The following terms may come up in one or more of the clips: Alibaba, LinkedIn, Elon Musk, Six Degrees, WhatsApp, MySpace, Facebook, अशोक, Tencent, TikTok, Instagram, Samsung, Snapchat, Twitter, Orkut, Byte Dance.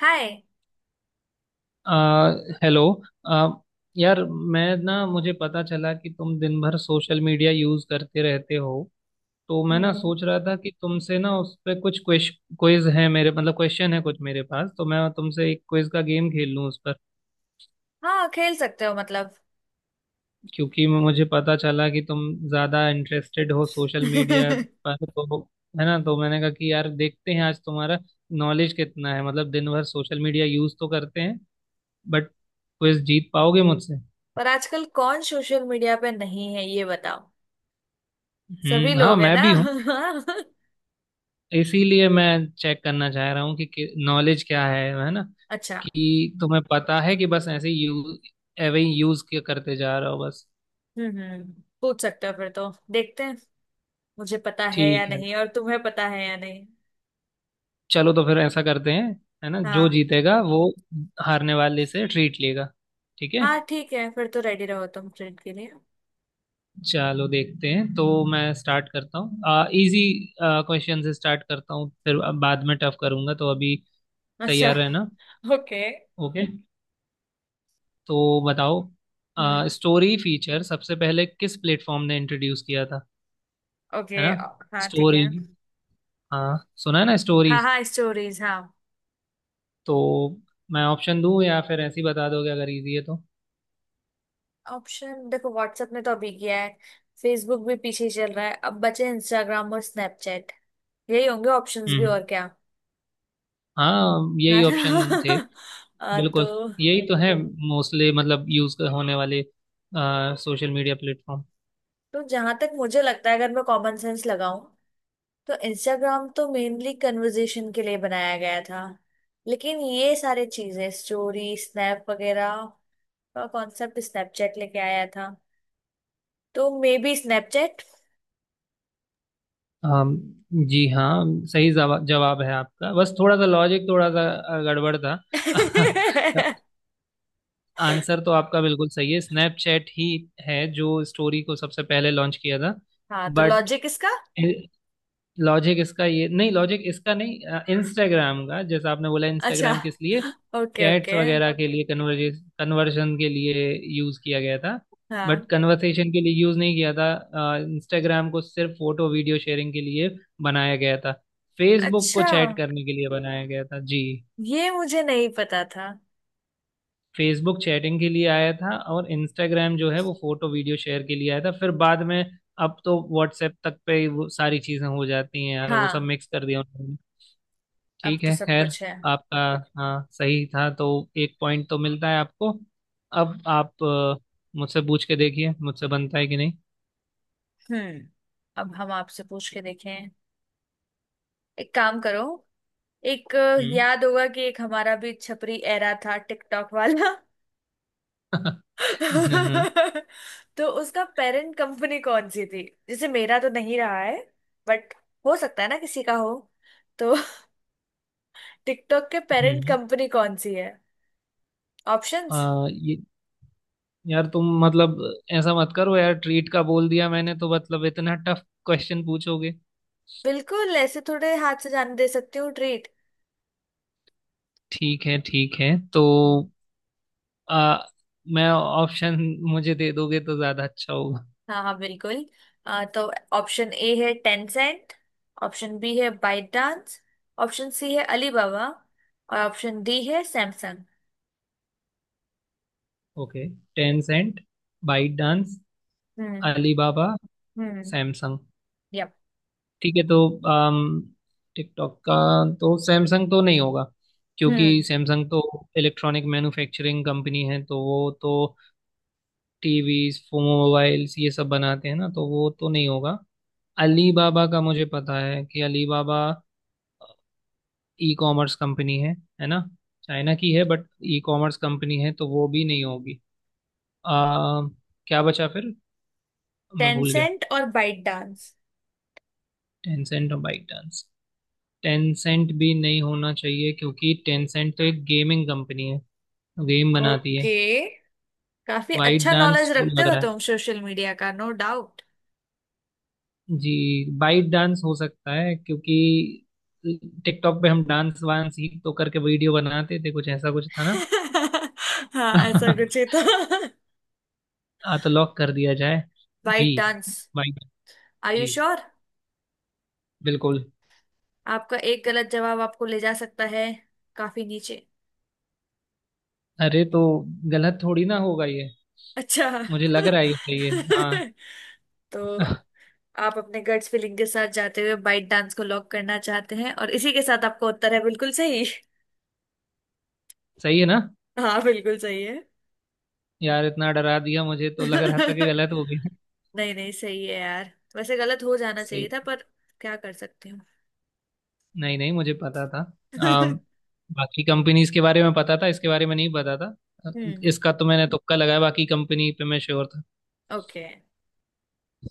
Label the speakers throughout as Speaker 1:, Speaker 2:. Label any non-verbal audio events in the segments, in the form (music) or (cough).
Speaker 1: हाय।
Speaker 2: आ, हेलो। आ, यार, मैं ना मुझे पता चला कि तुम दिन भर सोशल मीडिया यूज करते रहते हो। तो मैं ना
Speaker 1: हम्म।
Speaker 2: सोच रहा था कि तुमसे ना उस पे कुछ क्वेश क्विज है मेरे, मतलब क्वेश्चन है कुछ मेरे पास, तो मैं तुमसे एक क्विज का गेम खेल लूँ उस पर।
Speaker 1: हाँ खेल सकते हो मतलब।
Speaker 2: क्योंकि मुझे पता चला कि तुम ज़्यादा इंटरेस्टेड हो सोशल मीडिया
Speaker 1: (laughs)
Speaker 2: पर, तो है ना। तो मैंने कहा कि यार देखते हैं आज तुम्हारा नॉलेज कितना है। मतलब दिन भर सोशल मीडिया यूज तो करते हैं, बट क्विज जीत पाओगे मुझसे।
Speaker 1: पर आजकल कौन सोशल मीडिया पे नहीं है, ये बताओ? सभी
Speaker 2: हम्म, हाँ
Speaker 1: लोग है
Speaker 2: मैं
Speaker 1: ना?
Speaker 2: भी हूँ। इसीलिए मैं चेक करना चाह रहा हूँ कि नॉलेज क्या है ना।
Speaker 1: (laughs) अच्छा।
Speaker 2: कि तुम्हें पता है कि बस ऐसे यूज करते जा रहे हो बस।
Speaker 1: हम्म। पूछ सकते हो फिर, तो देखते हैं मुझे पता है या
Speaker 2: ठीक है,
Speaker 1: नहीं और तुम्हें पता है या नहीं।
Speaker 2: चलो तो फिर ऐसा करते हैं, है ना। जो
Speaker 1: हाँ।
Speaker 2: जीतेगा वो हारने वाले से ट्रीट लेगा, ठीक है।
Speaker 1: हाँ ठीक है, फिर तो रेडी रहो तुम ट्रेन के लिए।
Speaker 2: चलो देखते हैं। तो मैं स्टार्ट करता हूँ, इजी क्वेश्चन से स्टार्ट करता हूँ, फिर बाद में टफ करूंगा, तो अभी
Speaker 1: अच्छा
Speaker 2: तैयार रहना।
Speaker 1: (laughs) ओके।
Speaker 2: ओके, तो बताओ,
Speaker 1: हम्म
Speaker 2: स्टोरी फीचर सबसे पहले किस प्लेटफॉर्म ने इंट्रोड्यूस किया था, है
Speaker 1: ओके।
Speaker 2: ना।
Speaker 1: हाँ ठीक
Speaker 2: स्टोरी,
Speaker 1: है।
Speaker 2: हाँ सुना है ना,
Speaker 1: हाँ
Speaker 2: स्टोरीज।
Speaker 1: हाँ स्टोरीज हाँ।
Speaker 2: तो मैं ऑप्शन दूं या फिर ऐसे ही बता दोगे, अगर इजी है तो।
Speaker 1: ऑप्शन देखो, व्हाट्सएप ने तो अभी किया है। फेसबुक भी पीछे ही चल रहा है, अब बचे इंस्टाग्राम और स्नैपचैट। यही होंगे ऑप्शंस भी,
Speaker 2: हम्म,
Speaker 1: और क्या।
Speaker 2: हाँ
Speaker 1: है
Speaker 2: यही ऑप्शन थे।
Speaker 1: ना? (laughs) आ, तो
Speaker 2: बिल्कुल यही तो है मोस्टली, मतलब यूज होने वाले सोशल मीडिया प्लेटफॉर्म।
Speaker 1: तो जहां तक मुझे लगता है, अगर मैं कॉमन सेंस लगाऊं तो इंस्टाग्राम तो मेनली कन्वर्जेशन के लिए बनाया गया था। लेकिन ये सारे चीजें स्टोरी स्नैप वगैरह का कॉन्सेप्ट स्नैपचैट लेके आया था। तो मे बी स्नैपचैट।
Speaker 2: हम, जी हाँ, सही जवाब है आपका, बस थोड़ा सा लॉजिक थोड़ा सा गड़बड़ था। (laughs)
Speaker 1: (laughs)
Speaker 2: आंसर तो आपका बिल्कुल सही है, स्नैपचैट ही है जो स्टोरी को सबसे पहले लॉन्च किया था।
Speaker 1: हाँ, तो
Speaker 2: बट
Speaker 1: लॉजिक इसका।
Speaker 2: लॉजिक इसका ये नहीं, लॉजिक इसका नहीं। इंस्टाग्राम का, जैसा आपने बोला,
Speaker 1: अच्छा।
Speaker 2: इंस्टाग्राम किस लिए
Speaker 1: ओके
Speaker 2: चैट्स
Speaker 1: ओके।
Speaker 2: वगैरह के लिए, कन्वर्जे कन्वर्जन के लिए यूज़ किया गया था। बट
Speaker 1: हाँ।
Speaker 2: कन्वर्सेशन के लिए यूज़ नहीं किया था, इंस्टाग्राम को सिर्फ फोटो वीडियो शेयरिंग के लिए बनाया गया था। फेसबुक को
Speaker 1: अच्छा,
Speaker 2: चैट करने के लिए बनाया गया था जी।
Speaker 1: ये मुझे नहीं पता था।
Speaker 2: फेसबुक चैटिंग के लिए आया था, और इंस्टाग्राम जो है वो फोटो वीडियो शेयर के लिए आया था, फिर बाद में अब तो व्हाट्सएप तक पे ही वो सारी चीजें हो जाती हैं यार, वो सब
Speaker 1: हाँ।
Speaker 2: मिक्स कर दिया उन्होंने।
Speaker 1: अब
Speaker 2: ठीक
Speaker 1: तो
Speaker 2: है,
Speaker 1: सब
Speaker 2: खैर,
Speaker 1: कुछ है।
Speaker 2: आपका हाँ सही था, तो एक पॉइंट तो मिलता है आपको। अब आप मुझसे पूछ के देखिए, मुझसे बनता है कि नहीं।
Speaker 1: हम्म। अब हम आपसे पूछ के देखें। एक काम करो। एक
Speaker 2: हम्म।
Speaker 1: याद होगा कि एक हमारा भी छपरी एरा था टिकटॉक वाला।
Speaker 2: (laughs)
Speaker 1: (laughs)
Speaker 2: हम्म
Speaker 1: तो उसका पेरेंट कंपनी कौन सी थी? जैसे मेरा तो नहीं रहा है, बट हो सकता है ना किसी का हो। तो (laughs) टिकटॉक के पेरेंट
Speaker 2: हम्म।
Speaker 1: कंपनी कौन सी है? ऑप्शंस।
Speaker 2: ये यार, तुम मतलब ऐसा मत करो यार, ट्रीट का बोल दिया मैंने तो मतलब इतना टफ क्वेश्चन पूछोगे।
Speaker 1: बिल्कुल ऐसे थोड़े हाथ से जाने दे सकती हूँ ट्रीट।
Speaker 2: ठीक है ठीक है, तो आ, मैं ऑप्शन मुझे दे दोगे तो ज्यादा अच्छा होगा।
Speaker 1: हाँ हाँ बिल्कुल। तो ऑप्शन ए है टेंसेंट। ऑप्शन बी है बाइट डांस। ऑप्शन सी है अलीबाबा और ऑप्शन डी है Samsung.
Speaker 2: Okay. Tencent, ByteDance,
Speaker 1: hmm
Speaker 2: Alibaba,
Speaker 1: hmm
Speaker 2: Samsung.
Speaker 1: Yup.
Speaker 2: ठीक है, तो अम, टिकटॉक का तो सैमसंग तो नहीं होगा, क्योंकि
Speaker 1: हम्म।
Speaker 2: सैमसंग तो इलेक्ट्रॉनिक मैन्युफैक्चरिंग कंपनी है, तो वो तो टीवीज मोबाइल्स ये सब बनाते हैं ना, तो वो तो नहीं होगा। अलीबाबा का मुझे पता है कि अलीबाबा ई कॉमर्स कंपनी है ना, चाइना की है, बट ई कॉमर्स कंपनी है, तो वो भी नहीं होगी। आ, क्या बचा फिर, मैं भूल गया।
Speaker 1: टेंसेंट और बाइट डांस।
Speaker 2: टेंसेंट और बाइक डांस। टेंसेंट भी नहीं होना चाहिए क्योंकि टेंसेंट तो एक गेमिंग कंपनी है, गेम बनाती है।
Speaker 1: ओके। काफी
Speaker 2: बाइट
Speaker 1: अच्छा नॉलेज
Speaker 2: डांस वो
Speaker 1: रखते
Speaker 2: लग
Speaker 1: हो
Speaker 2: रहा है
Speaker 1: तुम सोशल मीडिया का, नो डाउट।
Speaker 2: जी, बाइट डांस हो सकता है क्योंकि टिकटॉक पे हम डांस वांस ही तो करके वीडियो बनाते थे, कुछ ऐसा कुछ था ना।
Speaker 1: (laughs) हाँ ऐसा कुछ ही
Speaker 2: (laughs)
Speaker 1: था।
Speaker 2: हाँ, तो लॉक कर दिया जाए, B,
Speaker 1: ByteDance.
Speaker 2: Byte.
Speaker 1: Are you
Speaker 2: जी
Speaker 1: श्योर?
Speaker 2: बिल्कुल।
Speaker 1: (laughs) आपका एक गलत जवाब आपको ले जा सकता है काफी नीचे।
Speaker 2: अरे तो गलत थोड़ी ना होगा ये,
Speaker 1: अच्छा। (laughs)
Speaker 2: मुझे लग रहा है ये सही है हाँ।
Speaker 1: तो
Speaker 2: (laughs)
Speaker 1: आप अपने गट्स फीलिंग के साथ जाते हुए बाइट डांस को लॉक करना चाहते हैं, और इसी के साथ आपका उत्तर है बिल्कुल सही।
Speaker 2: सही है ना।
Speaker 1: हाँ बिल्कुल सही है। (laughs)
Speaker 2: यार, इतना डरा दिया, मुझे तो लग रहा था कि गलत हो गया।
Speaker 1: नहीं नहीं, सही है यार, वैसे गलत हो
Speaker 2: (laughs)
Speaker 1: जाना चाहिए
Speaker 2: सही।
Speaker 1: था, पर क्या कर सकती हूँ।
Speaker 2: नहीं नहीं, मुझे पता था। अम,
Speaker 1: (laughs)
Speaker 2: बाकी कंपनीज के बारे में पता था, इसके बारे में नहीं पता था।
Speaker 1: हम्म
Speaker 2: इसका तो मैंने तुक्का लगाया, बाकी कंपनी पे मैं श्योर था।
Speaker 1: ओके।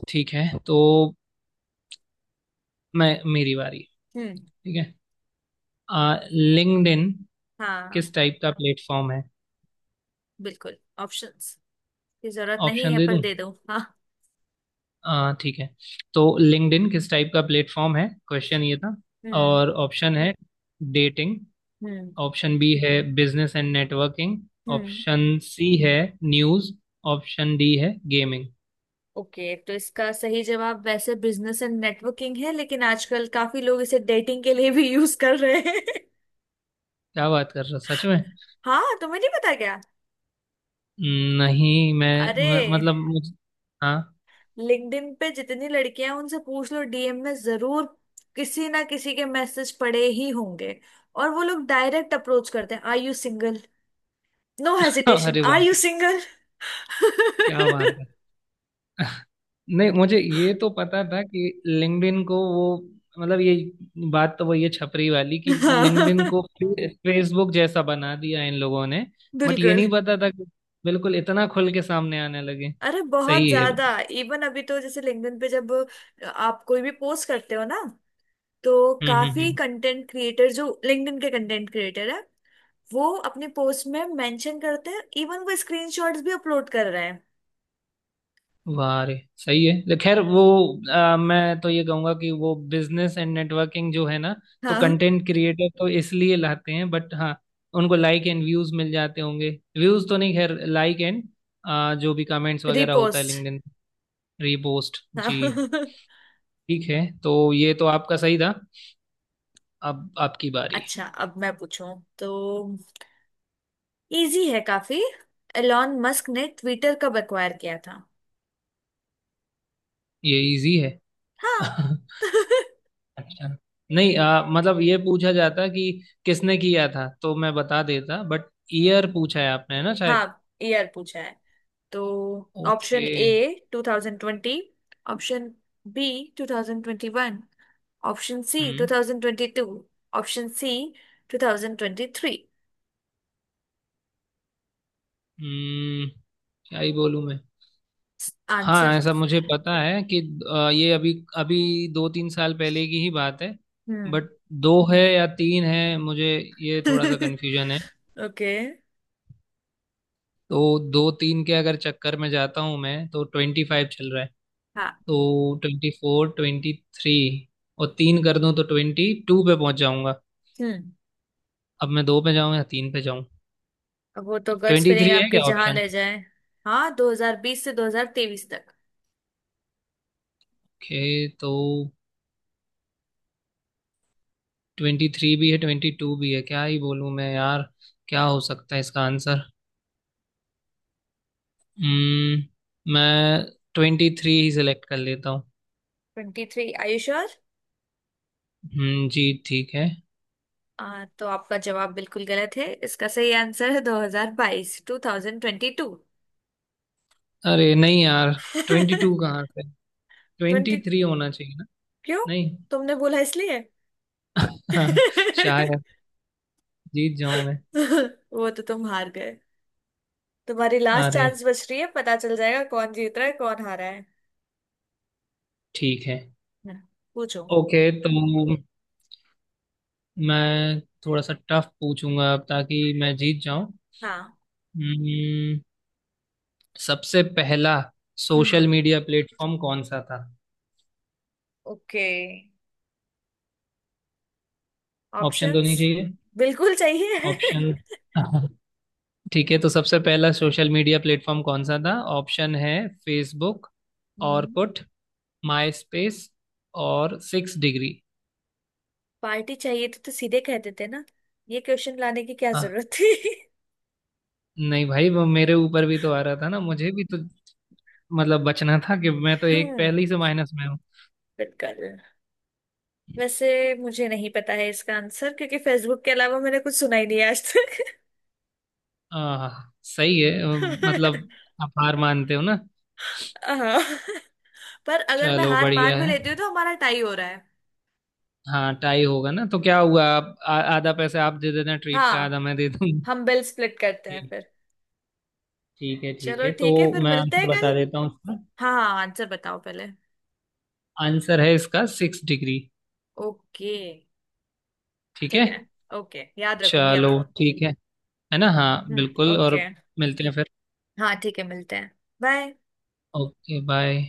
Speaker 2: ठीक है, तो मैं मेरी बारी।
Speaker 1: हम्म।
Speaker 2: ठीक है, लिंक्डइन
Speaker 1: हाँ
Speaker 2: किस टाइप का प्लेटफॉर्म है।
Speaker 1: बिल्कुल। ऑप्शंस की जरूरत नहीं
Speaker 2: ऑप्शन
Speaker 1: है,
Speaker 2: दे
Speaker 1: पर
Speaker 2: दूं,
Speaker 1: दे दो हाँ।
Speaker 2: ठीक है। तो लिंक्डइन किस टाइप का प्लेटफॉर्म है, क्वेश्चन ये था।
Speaker 1: हम्म
Speaker 2: और ऑप्शन है डेटिंग,
Speaker 1: हम्म
Speaker 2: ऑप्शन बी है बिजनेस एंड नेटवर्किंग,
Speaker 1: हम्म।
Speaker 2: ऑप्शन सी है न्यूज़, ऑप्शन डी है गेमिंग।
Speaker 1: ओके, तो इसका सही जवाब वैसे बिजनेस एंड नेटवर्किंग है, लेकिन आजकल काफी लोग इसे डेटिंग के लिए भी (laughs) यूज कर रहे हैं। (laughs)
Speaker 2: क्या बात कर रहा सच में।
Speaker 1: हाँ, तुम्हें नहीं पता क्या?
Speaker 2: नहीं, मैं,
Speaker 1: अरे।
Speaker 2: मैं मतलब मुझ, हाँ।
Speaker 1: लिंक्डइन पे जितनी लड़कियां हैं, उनसे पूछ लो, डीएम में जरूर किसी ना किसी के मैसेज पड़े ही होंगे। और वो लोग डायरेक्ट अप्रोच करते हैं, are you single. No
Speaker 2: (laughs)
Speaker 1: hesitation,
Speaker 2: अरे वाह,
Speaker 1: आर यू सिंगल।
Speaker 2: क्या बात
Speaker 1: (laughs)
Speaker 2: है। नहीं मुझे ये तो पता था कि लिंक्डइन को वो, मतलब ये बात तो वही है छपरी वाली कि लिंक्डइन
Speaker 1: हाँ
Speaker 2: को फेसबुक जैसा बना दिया इन लोगों ने। बट ये
Speaker 1: बिल्कुल।
Speaker 2: नहीं पता था कि बिल्कुल इतना खुल के सामने आने लगे।
Speaker 1: अरे बहुत
Speaker 2: सही है वो।
Speaker 1: ज्यादा, इवन अभी तो जैसे लिंक्डइन पे जब आप कोई भी पोस्ट करते हो ना, तो
Speaker 2: हम्म
Speaker 1: काफी
Speaker 2: हम्म
Speaker 1: कंटेंट क्रिएटर जो लिंक्डइन के कंटेंट क्रिएटर है, वो अपने पोस्ट में मेंशन करते हैं, इवन वो स्क्रीनशॉट्स भी अपलोड कर रहे हैं।
Speaker 2: वाह रे, सही है खैर वो, मैं तो ये कहूंगा कि वो बिजनेस एंड नेटवर्किंग जो है ना, तो
Speaker 1: हाँ।
Speaker 2: कंटेंट क्रिएटर तो इसलिए लाते हैं, बट हाँ उनको लाइक एंड व्यूज मिल जाते होंगे। व्यूज तो नहीं, खैर लाइक एंड जो भी कमेंट्स वगैरह होता है
Speaker 1: रिपोस्ट।
Speaker 2: लिंक्डइन। रीपोस्ट,
Speaker 1: हाँ
Speaker 2: जी।
Speaker 1: (laughs)
Speaker 2: ठीक है, तो ये तो आपका सही था। अब आपकी बारी।
Speaker 1: अच्छा, अब मैं पूछूं तो इजी है काफी। एलॉन मस्क ने ट्विटर कब एक्वायर किया था?
Speaker 2: ये इजी है।
Speaker 1: हाँ
Speaker 2: (laughs)
Speaker 1: (laughs)
Speaker 2: अच्छा, नहीं मतलब ये पूछा जाता कि किसने किया था तो मैं बता देता, बट ईयर पूछा है आपने, है ना शायद।
Speaker 1: हाँ ईयर पूछा है। तो option
Speaker 2: okay.
Speaker 1: A 2020, option B 2021, option C
Speaker 2: hmm.
Speaker 1: 2022, option C 2023।
Speaker 2: हम्म, क्या ही बोलूं मैं। हाँ
Speaker 1: आंसर।
Speaker 2: ऐसा मुझे पता है कि ये अभी अभी दो तीन साल पहले की ही बात है।
Speaker 1: हम्म।
Speaker 2: बट दो है या तीन है मुझे ये थोड़ा सा
Speaker 1: (laughs)
Speaker 2: कन्फ्यूजन है।
Speaker 1: ओके।
Speaker 2: तो दो तीन के अगर चक्कर में जाता हूँ मैं, तो ट्वेंटी फाइव चल रहा है,
Speaker 1: हाँ।
Speaker 2: तो ट्वेंटी फोर, ट्वेंटी थ्री, और तीन कर दूं तो ट्वेंटी टू पे पहुंच जाऊंगा।
Speaker 1: हम्म।
Speaker 2: अब मैं दो पे जाऊं या तीन पे जाऊं।
Speaker 1: अब वो तो गट्स
Speaker 2: ट्वेंटी
Speaker 1: फीलिंग
Speaker 2: थ्री है
Speaker 1: आपकी
Speaker 2: क्या
Speaker 1: जहां
Speaker 2: ऑप्शन।
Speaker 1: ले जाए। हाँ, 2020 से 2023 तक।
Speaker 2: ओके, तो ट्वेंटी थ्री भी है ट्वेंटी टू भी है, क्या ही बोलूं मैं यार। क्या हो सकता है इसका आंसर। हम्म, मैं ट्वेंटी थ्री ही सिलेक्ट कर लेता हूँ।
Speaker 1: 23, आर यू श्योर?
Speaker 2: हम्म, जी ठीक है।
Speaker 1: तो आपका जवाब बिल्कुल गलत है, इसका सही आंसर है 2022, 2022, ट्वेंटी टू।
Speaker 2: अरे नहीं यार, ट्वेंटी टू कहाँ से, ट्वेंटी
Speaker 1: ट्वेंटी (laughs)
Speaker 2: थ्री होना चाहिए ना।
Speaker 1: क्यों?
Speaker 2: नहीं।
Speaker 1: तुमने बोला इसलिए।
Speaker 2: (laughs)
Speaker 1: (laughs)
Speaker 2: शायद जीत जाऊं मैं।
Speaker 1: वो तो तुम हार गए। तुम्हारी लास्ट
Speaker 2: अरे,
Speaker 1: चांस बच रही है, पता चल जाएगा कौन जीत रहा है, कौन हारा है।
Speaker 2: ठीक है।
Speaker 1: हम्म, पूछो।
Speaker 2: ओके, तो मैं थोड़ा सा टफ पूछूंगा अब ताकि मैं जीत जाऊं।
Speaker 1: हाँ।
Speaker 2: हम्म, सबसे पहला
Speaker 1: हम्म।
Speaker 2: सोशल मीडिया प्लेटफॉर्म कौन सा था।
Speaker 1: ओके।
Speaker 2: ऑप्शन तो
Speaker 1: ऑप्शंस।
Speaker 2: नहीं चाहिए।
Speaker 1: बिल्कुल चाहिए।
Speaker 2: ऑप्शन।
Speaker 1: (laughs)
Speaker 2: (laughs) ठीक है, तो सबसे पहला सोशल मीडिया प्लेटफॉर्म कौन सा था। ऑप्शन है Facebook,
Speaker 1: hmm.
Speaker 2: Orkut, MySpace, और सिक्स डिग्री।
Speaker 1: पार्टी चाहिए तो, सीधे कह देते ना। ये क्वेश्चन लाने की क्या
Speaker 2: हाँ,
Speaker 1: जरूरत थी।
Speaker 2: नहीं भाई वो मेरे ऊपर भी तो आ रहा था ना, मुझे भी तो मतलब बचना था कि मैं तो
Speaker 1: (laughs)
Speaker 2: एक
Speaker 1: हम्म
Speaker 2: पहले ही से माइनस में हूँ।
Speaker 1: बिल्कुल। वैसे मुझे नहीं पता है इसका आंसर, क्योंकि फेसबुक के अलावा मैंने कुछ सुना ही नहीं है आज तक।
Speaker 2: आह, सही है।
Speaker 1: (laughs)
Speaker 2: मतलब आप हार मानते हो ना।
Speaker 1: हाँ। पर अगर मैं
Speaker 2: चलो
Speaker 1: हार
Speaker 2: बढ़िया
Speaker 1: मान भी
Speaker 2: है।
Speaker 1: लेती हूँ तो हमारा टाई हो रहा है।
Speaker 2: हाँ टाई होगा ना तो क्या हुआ, आप आधा पैसे आप दे देना ट्रीट का, आधा
Speaker 1: हाँ।
Speaker 2: मैं दे दूंगा।
Speaker 1: हम बिल स्प्लिट करते हैं फिर।
Speaker 2: ठीक है ठीक
Speaker 1: चलो
Speaker 2: है, तो
Speaker 1: ठीक है, फिर
Speaker 2: मैं
Speaker 1: मिलते हैं
Speaker 2: आंसर
Speaker 1: कल।
Speaker 2: बता देता हूँ इसका।
Speaker 1: हाँ हाँ हाँ, आंसर बताओ पहले।
Speaker 2: आंसर है इसका सिक्स डिग्री।
Speaker 1: ओके।
Speaker 2: ठीक है,
Speaker 1: ठीक है। ओके, याद रखूंगी अब।
Speaker 2: चलो ठीक है ना। हाँ बिल्कुल। और
Speaker 1: ओके।
Speaker 2: मिलते हैं फिर।
Speaker 1: हाँ ठीक है, मिलते हैं। बाय।
Speaker 2: Okay bye.